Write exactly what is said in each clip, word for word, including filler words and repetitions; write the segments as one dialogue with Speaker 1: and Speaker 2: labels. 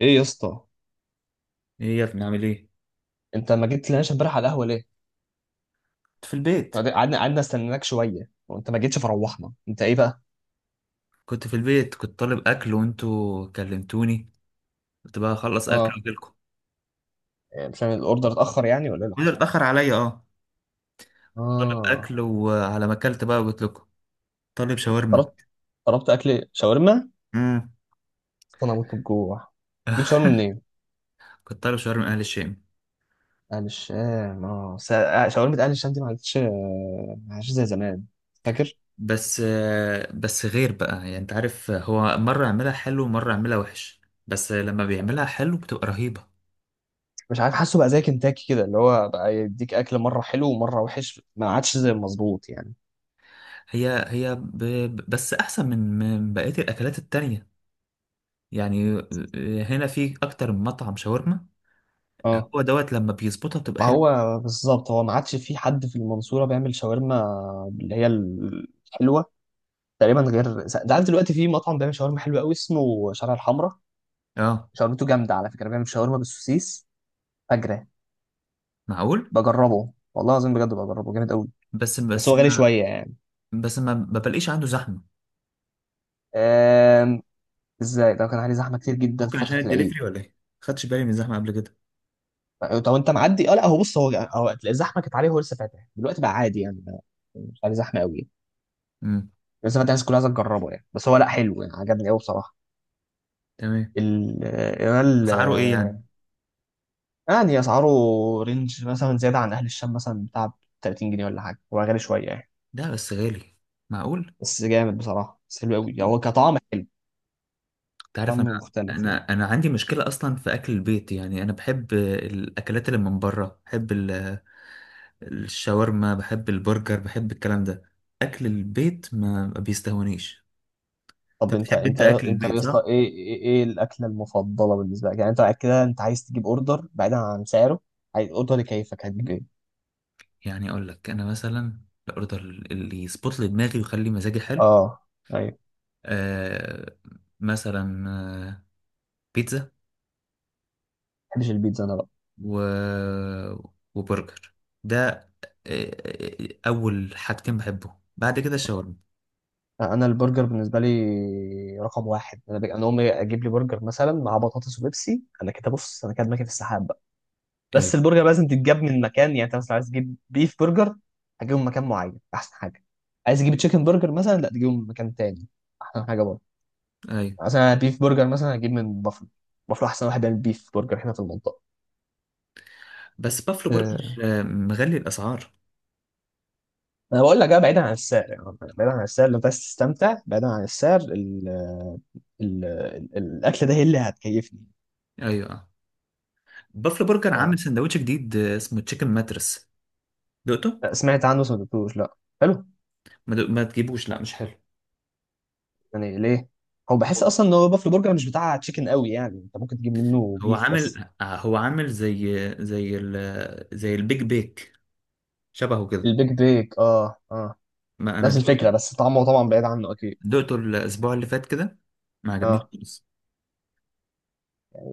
Speaker 1: ايه يا اسطى،
Speaker 2: ايه يا ابني، عامل ايه؟
Speaker 1: انت ما جيتلناش امبارح على القهوه ليه؟
Speaker 2: كنت في البيت
Speaker 1: قعدنا قعدنا استناك شويه وانت ما جيتش فروحنا. انت ايه بقى؟
Speaker 2: كنت في البيت كنت طالب اكل وانتوا كلمتوني. كنت بقى اخلص اكل
Speaker 1: اه.
Speaker 2: واجيلكم.
Speaker 1: إيه، مش عارف الاوردر اتاخر يعني ولا ايه اللي
Speaker 2: وده
Speaker 1: حصل؟
Speaker 2: اتاخر عليا، اه. طالب
Speaker 1: اه.
Speaker 2: اكل وعلى ما اكلت بقى قلت لكم. طالب شاورما.
Speaker 1: طلبت طلبت اكل شاورما.
Speaker 2: امم.
Speaker 1: اصل انا هموت من الجوع. جبت شاورما منين؟
Speaker 2: كنت طالب شاورما اهل الشام.
Speaker 1: اهل الشام اه س- آه، شاورما اهل الشام دي ما عادتش، آه، ما عادتش زي زمان. فاكر؟
Speaker 2: بس آه، بس غير بقى يعني انت عارف، آه، هو مره يعملها حلو ومره يعملها وحش. بس آه، لما بيعملها حلو بتبقى رهيبه.
Speaker 1: مش عارف، حاسه بقى زي كنتاكي كده اللي هو بقى يديك اكل مره حلو ومره وحش، ما عادش زي المظبوط يعني.
Speaker 2: هي هي ب... ب- بس احسن من من بقيه الاكلات التانية. يعني آه، هنا في اكتر من مطعم شاورما.
Speaker 1: اه.
Speaker 2: هو دوت لما بيظبطها بتبقى
Speaker 1: ما
Speaker 2: حلوه.
Speaker 1: هو بالظبط، هو ما عادش في حد في المنصورة بيعمل شاورما اللي هي ال- الحلوة. تقريبا غير س- ده. عارف دلوقتي في مطعم بيعمل شاورما حلوة قوي اسمه شارع الحمراء.
Speaker 2: اه.
Speaker 1: شاورمته جامدة على فكرة، بيعمل شاورما بالسوسيس فجرة.
Speaker 2: معقول.
Speaker 1: بجربه والله العظيم، بجد بجربه جامد قوي.
Speaker 2: بس
Speaker 1: بس
Speaker 2: بس
Speaker 1: هو غالي
Speaker 2: ما
Speaker 1: شوية يعني.
Speaker 2: بس ما ما بلاقيش عنده زحمه.
Speaker 1: أم... ازاي ده كان عليه زحمة كتير جدا في
Speaker 2: ممكن عشان
Speaker 1: فترة العيد.
Speaker 2: الدليفري ولا ايه؟ خدتش بالي من الزحمه قبل كده.
Speaker 1: طب انت معدي، اه لا هو بص، هو هو هتلاقي الزحمة كانت عليه، هو لسه فاتح دلوقتي بقى عادي يعني ما- مش عليه زحمة قوي.
Speaker 2: امم.
Speaker 1: لسه فاتح، الناس كلها عايزة تجربه يعني، بس هو لا حلو يعني، عجبني قوي بصراحة.
Speaker 2: تمام.
Speaker 1: ال- الريال.
Speaker 2: اسعاره ايه يعني؟
Speaker 1: آه، يعني اسعاره رينج مثلا زياده عن اهل الشام مثلا بتاع ثلاثين جنيه ولا حاجه، هو غالي شويه يعني.
Speaker 2: ده بس غالي. معقول.
Speaker 1: بس جامد بصراحه، بس حلو قوي يعني، هو كطعم حلو.
Speaker 2: انت
Speaker 1: طعم
Speaker 2: عارف، انا
Speaker 1: مختلف يعني.
Speaker 2: انا انا عندي مشكله اصلا في اكل البيت، يعني انا بحب الاكلات اللي من بره، بحب ال- الشاورما، بحب البرجر، بحب الكلام ده. اكل البيت ما ما بيستهونيش.
Speaker 1: طب
Speaker 2: انت
Speaker 1: انت
Speaker 2: بتحب،
Speaker 1: انت
Speaker 2: انت اكل
Speaker 1: انت
Speaker 2: البيت
Speaker 1: يا اسطى،
Speaker 2: صح؟
Speaker 1: ايه ايه إيه الاكله المفضله بالنسبه لك يعني؟ انت بعد كده انت عايز تجيب اوردر بعيدا عن سعره، عايز اوردر يكيفك، هتجيب ايه؟
Speaker 2: يعني اقول لك انا مثلا، الاوردر اللي يظبط لي دماغي ويخلي مزاجي حلو.
Speaker 1: اه ايوه ما.
Speaker 2: آه مثلا، آه بيتزا.
Speaker 1: بحبش البيتزا انا بقى.
Speaker 2: و... وبرجر. ده. آه آه، اول حاجتين بحبهم بعد كده الشاورما.
Speaker 1: انا البرجر بالنسبه لي رقم واحد. انا بج... انا امي اجيب لي برجر مثلا مع بطاطس وبيبسي، انا كده بص، انا كده ماشي في السحاب.
Speaker 2: ايوه.
Speaker 1: بس البرجر لازم تتجاب من مكان، يعني انت مثلا عايز تجيب بيف برجر هتجيبه من مكان معين احسن حاجه. عايز تجيب تشيكن برجر مثلا، لا تجيبه من مكان تاني احسن حاجه برضه.
Speaker 2: ايوه.
Speaker 1: مثلا بيف برجر مثلا هجيب من بافلو. بافلو احسن واحد بيعمل بيف برجر هنا في المنطقه.
Speaker 2: بس بافلو برجر
Speaker 1: أه،
Speaker 2: آه مغلي الاسعار.
Speaker 1: انا بقول لك بقى بعيدا عن السعر يعني. بعيدا عن السعر، لو انت عايز تستمتع بعيدا عن السعر، ال ال ال الاكل ده هي اللي هتكيفني.
Speaker 2: ايوه، آه. بافلو برجر عامل
Speaker 1: اه
Speaker 2: سندوتش جديد، آه، اسمه تشيكن ماترس. دقته؟
Speaker 1: لا، سمعت عنه بس ما دقتوش لا. حلو؟
Speaker 2: ما, دق... ما تجيبوش، لا مش حلو.
Speaker 1: يعني ليه؟ هو بحس اصلا ان هو بافلو برجر مش بتاع تشيكن قوي يعني، انت ممكن تجيب منه
Speaker 2: هو
Speaker 1: بيف بس.
Speaker 2: عامل هو عامل زي زي ال... زي البيج بيك، شبهه كده.
Speaker 1: البيج بيك اه اه.
Speaker 2: ما انا
Speaker 1: نفس
Speaker 2: دقته.
Speaker 1: الفكرة بس طعمه طبعا بعيد عنه أكيد.
Speaker 2: دقته الاسبوع اللي فات كده. ما عجبنيش
Speaker 1: اه.
Speaker 2: خالص.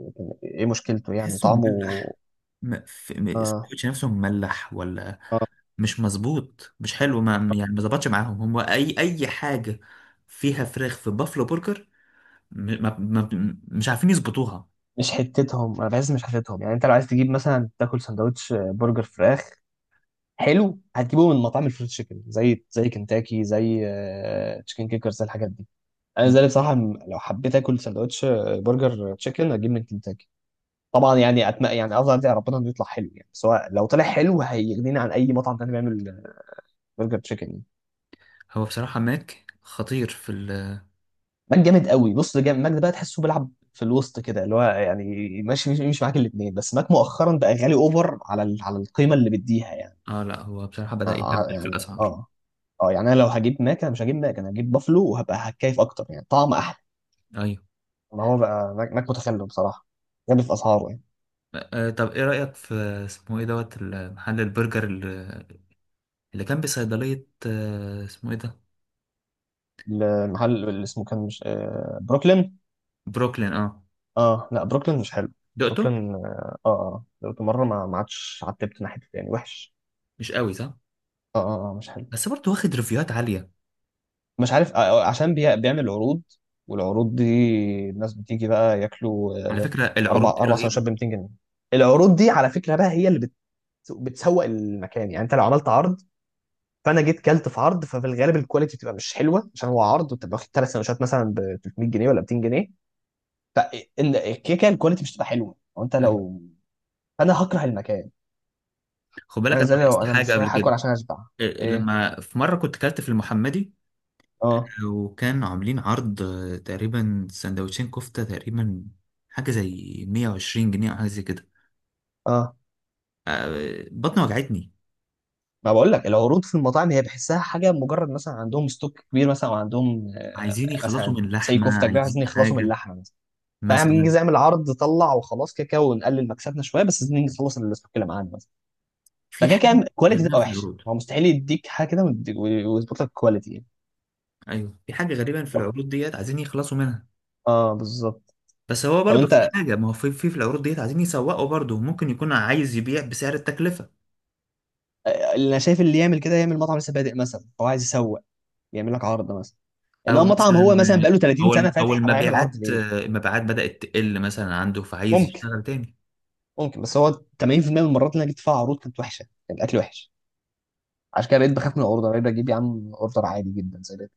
Speaker 1: لكن ايه مشكلته يعني،
Speaker 2: تحسه
Speaker 1: طعمه؟
Speaker 2: مملح. م- في- م-
Speaker 1: اه
Speaker 2: السندوتش نفسه مملح، ولا
Speaker 1: اه.
Speaker 2: مش مظبوط، مش حلو، ما يعني ما ظبطش معاهم، هم اي اي حاجه. فيها فراخ في بافلو برجر. م- ما ما مش عارفين يظبطوها.
Speaker 1: مش حتتهم، انا بحس مش حتتهم يعني. انت لو عايز تجيب مثلا تاكل سندوتش برجر فراخ حلو، هتجيبه من مطاعم الفريد تشيكن، زي زي كنتاكي، زي آه، تشيكن كيكر، زي الحاجات دي. انا زي بصراحه م- لو حبيت اكل سندوتش، آه، برجر تشيكن هجيب من كنتاكي طبعا يعني. أتم... يعني افضل ادعي ربنا انه يطلع حلو يعني، سواء لو طلع حلو هيغنيني عن اي مطعم تاني بيعمل برجر تشيكن يعني.
Speaker 2: هو بصراحه ماك خطير في ال...
Speaker 1: ماك جامد قوي بص، جامد. ماك ده بقى تحسه بيلعب في الوسط كده اللي هو يعني ماشي، مش مش معاك الاثنين. بس ماك مؤخرا بقى غالي اوفر على ال- على القيمه اللي بيديها يعني.
Speaker 2: اه، لا هو بصراحه بدأ
Speaker 1: آه، آه،
Speaker 2: يهبل في
Speaker 1: يعني
Speaker 2: الاسعار.
Speaker 1: اه. اه يعني، انا لو هجيب ماك انا مش هجيب ماك، انا هجيب بافلو وهبقى هتكيف اكتر يعني، طعم احلى.
Speaker 2: ايوه.
Speaker 1: ما هو بقى ماك, ماك متخلف بصراحه، غالي في اسعاره يعني.
Speaker 2: آه طب ايه رأيك في... اسمه ايه دوت محل البرجر اللي اللي كان بصيدلية، آه اسمه ايه ده؟
Speaker 1: المحل اللي اسمه كان مش آه بروكلين؟
Speaker 2: بروكلين، اه.
Speaker 1: اه لا، بروكلين مش حلو.
Speaker 2: دقته؟
Speaker 1: بروكلين اه اه آه. دلوقتي مره ما ما عادش عتبت ناحيته يعني، وحش.
Speaker 2: مش قوي صح.
Speaker 1: اه اه آه، مش حلو.
Speaker 2: بس برضه واخد ريفيوهات عاليه.
Speaker 1: مش عارف، آه، عشان بي- بيعمل عروض، والعروض دي الناس بتيجي بقى ياكلوا.
Speaker 2: على
Speaker 1: آه،
Speaker 2: فكره
Speaker 1: اربع
Speaker 2: العروض دي
Speaker 1: اربع
Speaker 2: رهيبه.
Speaker 1: سندوتشات ب مئتين جنيه. العروض دي على فكره بقى هي اللي بت... بتسوق المكان. يعني انت لو عملت عرض، فانا جيت كلت في عرض، ففي الغالب الكواليتي بتبقى مش حلوه عشان هو عرض، وتبقى واخد ثلاث سندوتشات مثلا ب ثلاثمية جنيه ولا مئتين جنيه، فالكيكه الكواليتي مش هتبقى حلوه. وانت
Speaker 2: أيوة.
Speaker 1: لو فانا هكره المكان.
Speaker 2: خد بالك
Speaker 1: انا
Speaker 2: انا
Speaker 1: زي لو
Speaker 2: لاحظت
Speaker 1: انا
Speaker 2: حاجه
Speaker 1: مش
Speaker 2: قبل
Speaker 1: رايح اكل
Speaker 2: كده.
Speaker 1: عشان اشبع.
Speaker 2: إيه،
Speaker 1: ايه؟
Speaker 2: لما في مره كنت كلت في المحمدي،
Speaker 1: اه
Speaker 2: آه، وكان عاملين عرض، آه، تقريبا سندوتشين كفته، تقريبا حاجه زي مية وعشرين جنيه او حاجه زي كده.
Speaker 1: اه.
Speaker 2: آه، بطني وجعتني.
Speaker 1: ما بقول لك العروض في المطاعم هي بحسها حاجه، مجرد مثلا عندهم ستوك كبير مثلا، وعندهم آه،
Speaker 2: عايزين يخلصوا
Speaker 1: مثلا
Speaker 2: من
Speaker 1: زي
Speaker 2: لحمه،
Speaker 1: كفته كبيره
Speaker 2: عايزين
Speaker 1: عايزين يخلصوا من
Speaker 2: حاجه
Speaker 1: اللحمه مثلا، فاعمل.
Speaker 2: مثلا.
Speaker 1: نجي اعمل عرض طلع وخلاص، كده كده ونقلل مكسبنا شويه بس عايزين نيجي نخلص الستوك اللي معانا مثلا.
Speaker 2: في
Speaker 1: فكده كده
Speaker 2: حاجه
Speaker 1: الكواليتي
Speaker 2: غريبه
Speaker 1: تبقى
Speaker 2: في
Speaker 1: وحشه،
Speaker 2: العروض.
Speaker 1: هو مستحيل يديك حاجه كده ويديك- ويظبط لك الكواليتي يعني.
Speaker 2: ايوه، في حاجه غريبه في
Speaker 1: طب-
Speaker 2: العروض ديت عايزين يخلصوا منها.
Speaker 1: اه بالظبط.
Speaker 2: بس هو
Speaker 1: طب
Speaker 2: برضه في
Speaker 1: انت،
Speaker 2: حاجة، ما هو في في, في العروض ديت عايزين يسوقوا برضه، ممكن يكون عايز يبيع بسعر التكلفة.
Speaker 1: آه، اللي انا شايف اللي يعمل كده يعمل مطعم لسه بادئ مثلا هو عايز يسوق، يعمل لك عرض مثلا.
Speaker 2: أو
Speaker 1: انما مطعم
Speaker 2: مثلا،
Speaker 1: هو مثلا بقاله ثلاثين
Speaker 2: أو
Speaker 1: سنه
Speaker 2: الم- أو
Speaker 1: فاتح، طب هيعمل عرض
Speaker 2: المبيعات
Speaker 1: ليه؟
Speaker 2: المبيعات بدأت تقل مثلا عنده فعايز
Speaker 1: ممكن.
Speaker 2: يشتغل تاني.
Speaker 1: ممكن، بس هو ثمانين بالمية من المرات اللي انا جيت فيها عروض كانت وحشه، كان الاكل وحش. عشان كده بقيت بخاف من الاوردر، بقيت بجيب يا عم اوردر عادي جدا زي ده.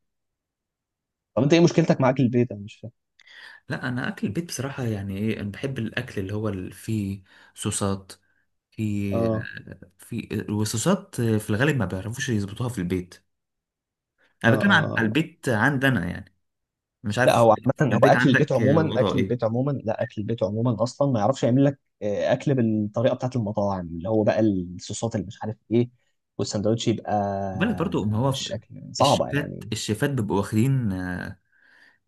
Speaker 1: طب انت ايه مشكلتك مع اكل البيت؟ انا مش فاهم.
Speaker 2: لا، أنا أكل البيت بصراحة، يعني إيه، أنا بحب الأكل اللي هو اللي فيه صوصات. في
Speaker 1: اه
Speaker 2: في وصوصات في الغالب ما بيعرفوش يظبطوها في البيت.
Speaker 1: اه
Speaker 2: أنا بتكلم عن على
Speaker 1: اه.
Speaker 2: البيت عندنا يعني. مش
Speaker 1: لا
Speaker 2: عارف.
Speaker 1: هو عامة، هو
Speaker 2: البيت
Speaker 1: أكل البيت
Speaker 2: عندك
Speaker 1: عموما،
Speaker 2: وضعه
Speaker 1: أكل
Speaker 2: إيه؟
Speaker 1: البيت عموما، لا أكل البيت عموما أصلا ما يعرفش يعمل لك آه، أكل بالطريقة بتاعت المطاعم اللي هو بقى الصوصات اللي مش عارف إيه، والساندوتش يبقى
Speaker 2: خد بالك برضه، ما هو
Speaker 1: بالشكل صعبة
Speaker 2: الشيفات
Speaker 1: يعني.
Speaker 2: الشيفات بيبقوا واخدين.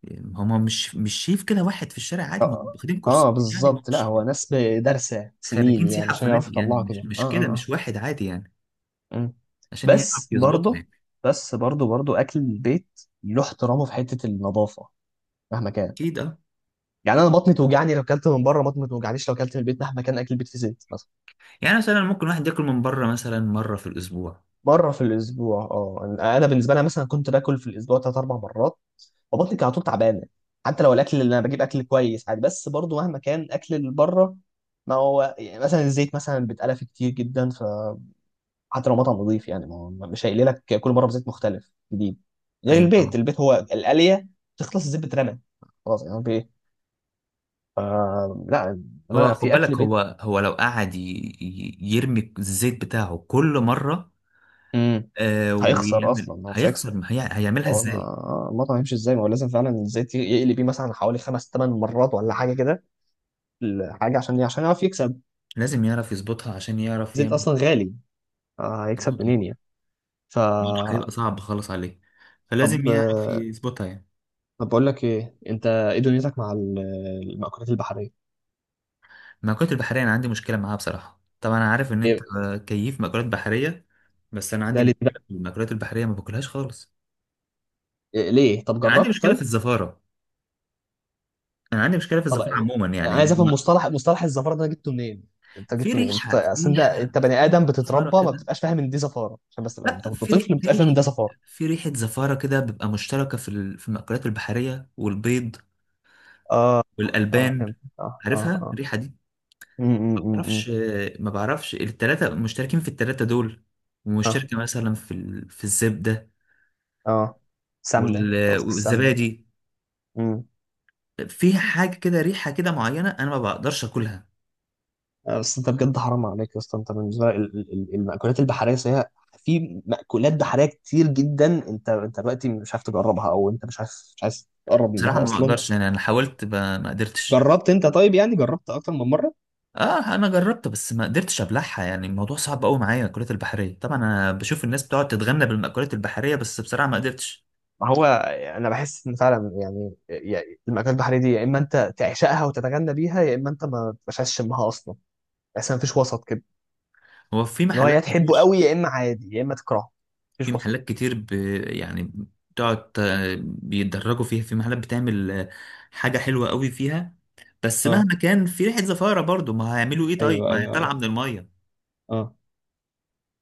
Speaker 2: يعني هما مش مش شايف كده واحد في الشارع عادي، ما
Speaker 1: اه,
Speaker 2: هم واخدين كورسات
Speaker 1: آه
Speaker 2: يعني، ما
Speaker 1: بالظبط. لا
Speaker 2: مش
Speaker 1: هو ناس دارسة سنين
Speaker 2: خريجين
Speaker 1: يعني
Speaker 2: سياحة
Speaker 1: عشان يعرفوا
Speaker 2: وفنادق يعني،
Speaker 1: يطلعوا
Speaker 2: مش
Speaker 1: كده اه اه
Speaker 2: مش كده، مش
Speaker 1: آه.
Speaker 2: واحد عادي يعني.
Speaker 1: مم.
Speaker 2: عشان يعرف
Speaker 1: بس
Speaker 2: يظبطه
Speaker 1: برضه،
Speaker 2: يعني.
Speaker 1: بس برضه برضه اكل البيت له احترامه في حته النظافه مهما كان.
Speaker 2: اكيد اه.
Speaker 1: يعني انا بطني توجعني لو اكلت من بره، بطني ما توجعنيش لو اكلت من البيت مهما كان اكل البيت في زيت مثلا.
Speaker 2: يعني مثلا ممكن واحد ياكل من بره مثلا مرة في الأسبوع.
Speaker 1: مره في الاسبوع؟ اه انا، أنا بالنسبه لي مثلا كنت باكل في الاسبوع ثلاث اربع مرات، فبطني كانت على طول تعبانه. حتى لو الاكل اللي انا بجيب اكل كويس عادي، بس برضه مهما كان اكل اللي بره. ما هو يعني مثلا الزيت مثلا بيتقلى فيه كتير جدا، حتى لو مطعم نظيف يعني، ما هو مش هيقلي لك كل مره بزيت مختلف جديد. غير
Speaker 2: أيوة طبعا.
Speaker 1: البيت، البيت هو القليه تخلص الزيت بترمى خلاص، يعني في ايه؟ آه لا،
Speaker 2: هو
Speaker 1: انا
Speaker 2: خد
Speaker 1: في اكل
Speaker 2: بالك
Speaker 1: بيت.
Speaker 2: هو هو لو قعد ي- ي- يرمي الزيت بتاعه كل مرة.
Speaker 1: امم.
Speaker 2: آه
Speaker 1: هيخسر
Speaker 2: ويعمل
Speaker 1: اصلا، هو مش هيكسب.
Speaker 2: هيخسر، هي هيعملها
Speaker 1: هو انا،
Speaker 2: ازاي؟
Speaker 1: آه، المطعم يمشي ازاي، ما هو لازم فعلا الزيت يقلي بيه مثلا حوالي خمس ثمان مرات ولا حاجه كده. الحاجه عشان عشان يعرف يكسب،
Speaker 2: لازم يعرف يظبطها عشان يعرف
Speaker 1: الزيت
Speaker 2: يعمل
Speaker 1: اصلا غالي، آه هيكسب
Speaker 2: يظبطها.
Speaker 1: منين يعني. ف.
Speaker 2: الموضوع هيبقى صعب خالص عليه. فلازم
Speaker 1: طب،
Speaker 2: يعرف
Speaker 1: آه،
Speaker 2: يظبطها يعني.
Speaker 1: طب بقول لك ايه، انت ايه دنيتك مع ال- المأكولات البحريه؟
Speaker 2: المأكولات البحرية أنا عندي مشكلة معاها بصراحة. طبعا أنا عارف إن أنت
Speaker 1: إيه؟
Speaker 2: كيف مأكولات بحرية، بس أنا عندي
Speaker 1: ده ليه؟
Speaker 2: مشكلة في المأكولات البحرية، ما باكلهاش خالص.
Speaker 1: إيه، ليه؟ طب
Speaker 2: أنا عندي
Speaker 1: جربت
Speaker 2: مشكلة في
Speaker 1: طيب؟
Speaker 2: الزفارة. أنا عندي مشكلة في
Speaker 1: طب
Speaker 2: الزفارة
Speaker 1: إيه؟
Speaker 2: عموما،
Speaker 1: أنا
Speaker 2: يعني
Speaker 1: عايز افهم
Speaker 2: ما-
Speaker 1: مصطلح مصطلح الزفاره ده، أنا جبته منين، انت
Speaker 2: في
Speaker 1: جبته منين. انت
Speaker 2: ريحة في
Speaker 1: اصل انت
Speaker 2: ريحة
Speaker 1: انت بني
Speaker 2: في
Speaker 1: ادم
Speaker 2: ريحة زفارة
Speaker 1: بتتربى ما
Speaker 2: كده.
Speaker 1: بتبقاش فاهم ان دي زفاره عشان بس تبقى-
Speaker 2: لا،
Speaker 1: انت كنت
Speaker 2: في ري...
Speaker 1: طفل ما
Speaker 2: في
Speaker 1: بتبقاش فاهم ان
Speaker 2: ريحة
Speaker 1: ده زفاره.
Speaker 2: في ريحة زفارة كده، بتبقى مشتركة في ال... في المأكولات البحرية والبيض
Speaker 1: اه اه
Speaker 2: والألبان.
Speaker 1: فهمت اه اه
Speaker 2: عارفها
Speaker 1: اه.
Speaker 2: الريحة دي؟
Speaker 1: امم.
Speaker 2: ما
Speaker 1: امم أمم.
Speaker 2: بعرفش. ما بعرفش، التلاتة مشتركين، في التلاتة دول،
Speaker 1: اه
Speaker 2: ومشتركة مثلا في ال... في الزبدة
Speaker 1: اه سمنه،
Speaker 2: وال-
Speaker 1: قصدك السمنه.
Speaker 2: والزبادي.
Speaker 1: امم.
Speaker 2: فيها حاجة كده، ريحة كده معينة، أنا ما بقدرش أكلها.
Speaker 1: آه، بس انت بجد حرام عليك يا اسطى. انت بالنسبه لك ال- ال- المأكولات البحريه هي، في مأكولات بحريه كتير جدا، انت انت دلوقتي مش عارف تجربها او انت مش عارف مش عايز تقرب
Speaker 2: بصراحة
Speaker 1: منها
Speaker 2: ما
Speaker 1: اصلا؟
Speaker 2: بقدرش يعني، أنا حاولت ب- ما قدرتش.
Speaker 1: جربت انت طيب، يعني جربت اكتر من مره؟
Speaker 2: اه انا جربت، بس ما قدرتش ابلعها، يعني الموضوع صعب قوي معايا المأكولات البحريه. طبعا انا بشوف الناس بتقعد تتغنى بالمأكولات البحريه، بس بصراحه ما قدرتش.
Speaker 1: ما هو انا بحس ان فعلا يعني، يعني المأكولات البحريه دي يا اما انت تعشقها وتتغنى بيها يا اما انت ما تبقاش شمها اصلا، بس ما فيش وسط كده.
Speaker 2: هو في
Speaker 1: ان هو
Speaker 2: محلات
Speaker 1: يا تحبه
Speaker 2: كتير.
Speaker 1: قوي يا اما عادي يا اما تكرهه،
Speaker 2: في
Speaker 1: مفيش وسط.
Speaker 2: محلات كتير ب... يعني بتقعد، آه، بيتدرجوا فيها. في محلات بتعمل آه، حاجه حلوه قوي فيها. بس
Speaker 1: اه
Speaker 2: مهما كان في ريحه زفاره برضو، ما هيعملوا ايه طيب،
Speaker 1: ايوه
Speaker 2: ما هي
Speaker 1: ايوه
Speaker 2: طالعه
Speaker 1: ايوه.
Speaker 2: من الميه.
Speaker 1: اه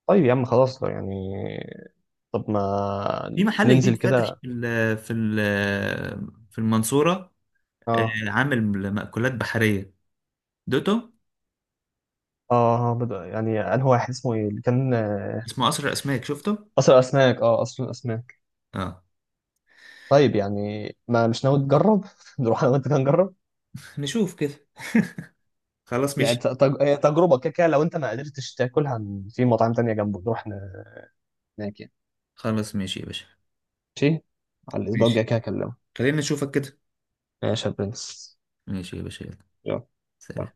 Speaker 1: طيب يا عم خلاص يعني. طب ما
Speaker 2: في محل جديد
Speaker 1: ننزل
Speaker 2: فاتح
Speaker 1: كده.
Speaker 2: في ال في ال في المنصورة، آه،
Speaker 1: اه.
Speaker 2: عامل مأكولات بحرية. دوتو.
Speaker 1: اه بدأ، يعني انه واحد اسمه ايه اللي كان آه،
Speaker 2: اسمه قصر الأسماك، شفته؟
Speaker 1: قصر الاسماك اه اصل الاسماك.
Speaker 2: اه.
Speaker 1: طيب يعني، ما مش ناوي تجرب نروح انا وانت كده نجرب.
Speaker 2: نشوف كده. خلاص
Speaker 1: يعني
Speaker 2: ماشي.
Speaker 1: ت- تج... هي تجربه كده كده. لو انت ما قدرتش تاكلها ن- في مطاعم تانية جنبه نروح ن- هناك يعني.
Speaker 2: خلاص ماشي يا باشا.
Speaker 1: ماشي، على الاسبوع
Speaker 2: ماشي.
Speaker 1: الجاي كده اكلمك.
Speaker 2: خلينا نشوفك كده.
Speaker 1: ماشي يا برنس
Speaker 2: ماشي يا باشا، يلا.
Speaker 1: يلا.
Speaker 2: سلام.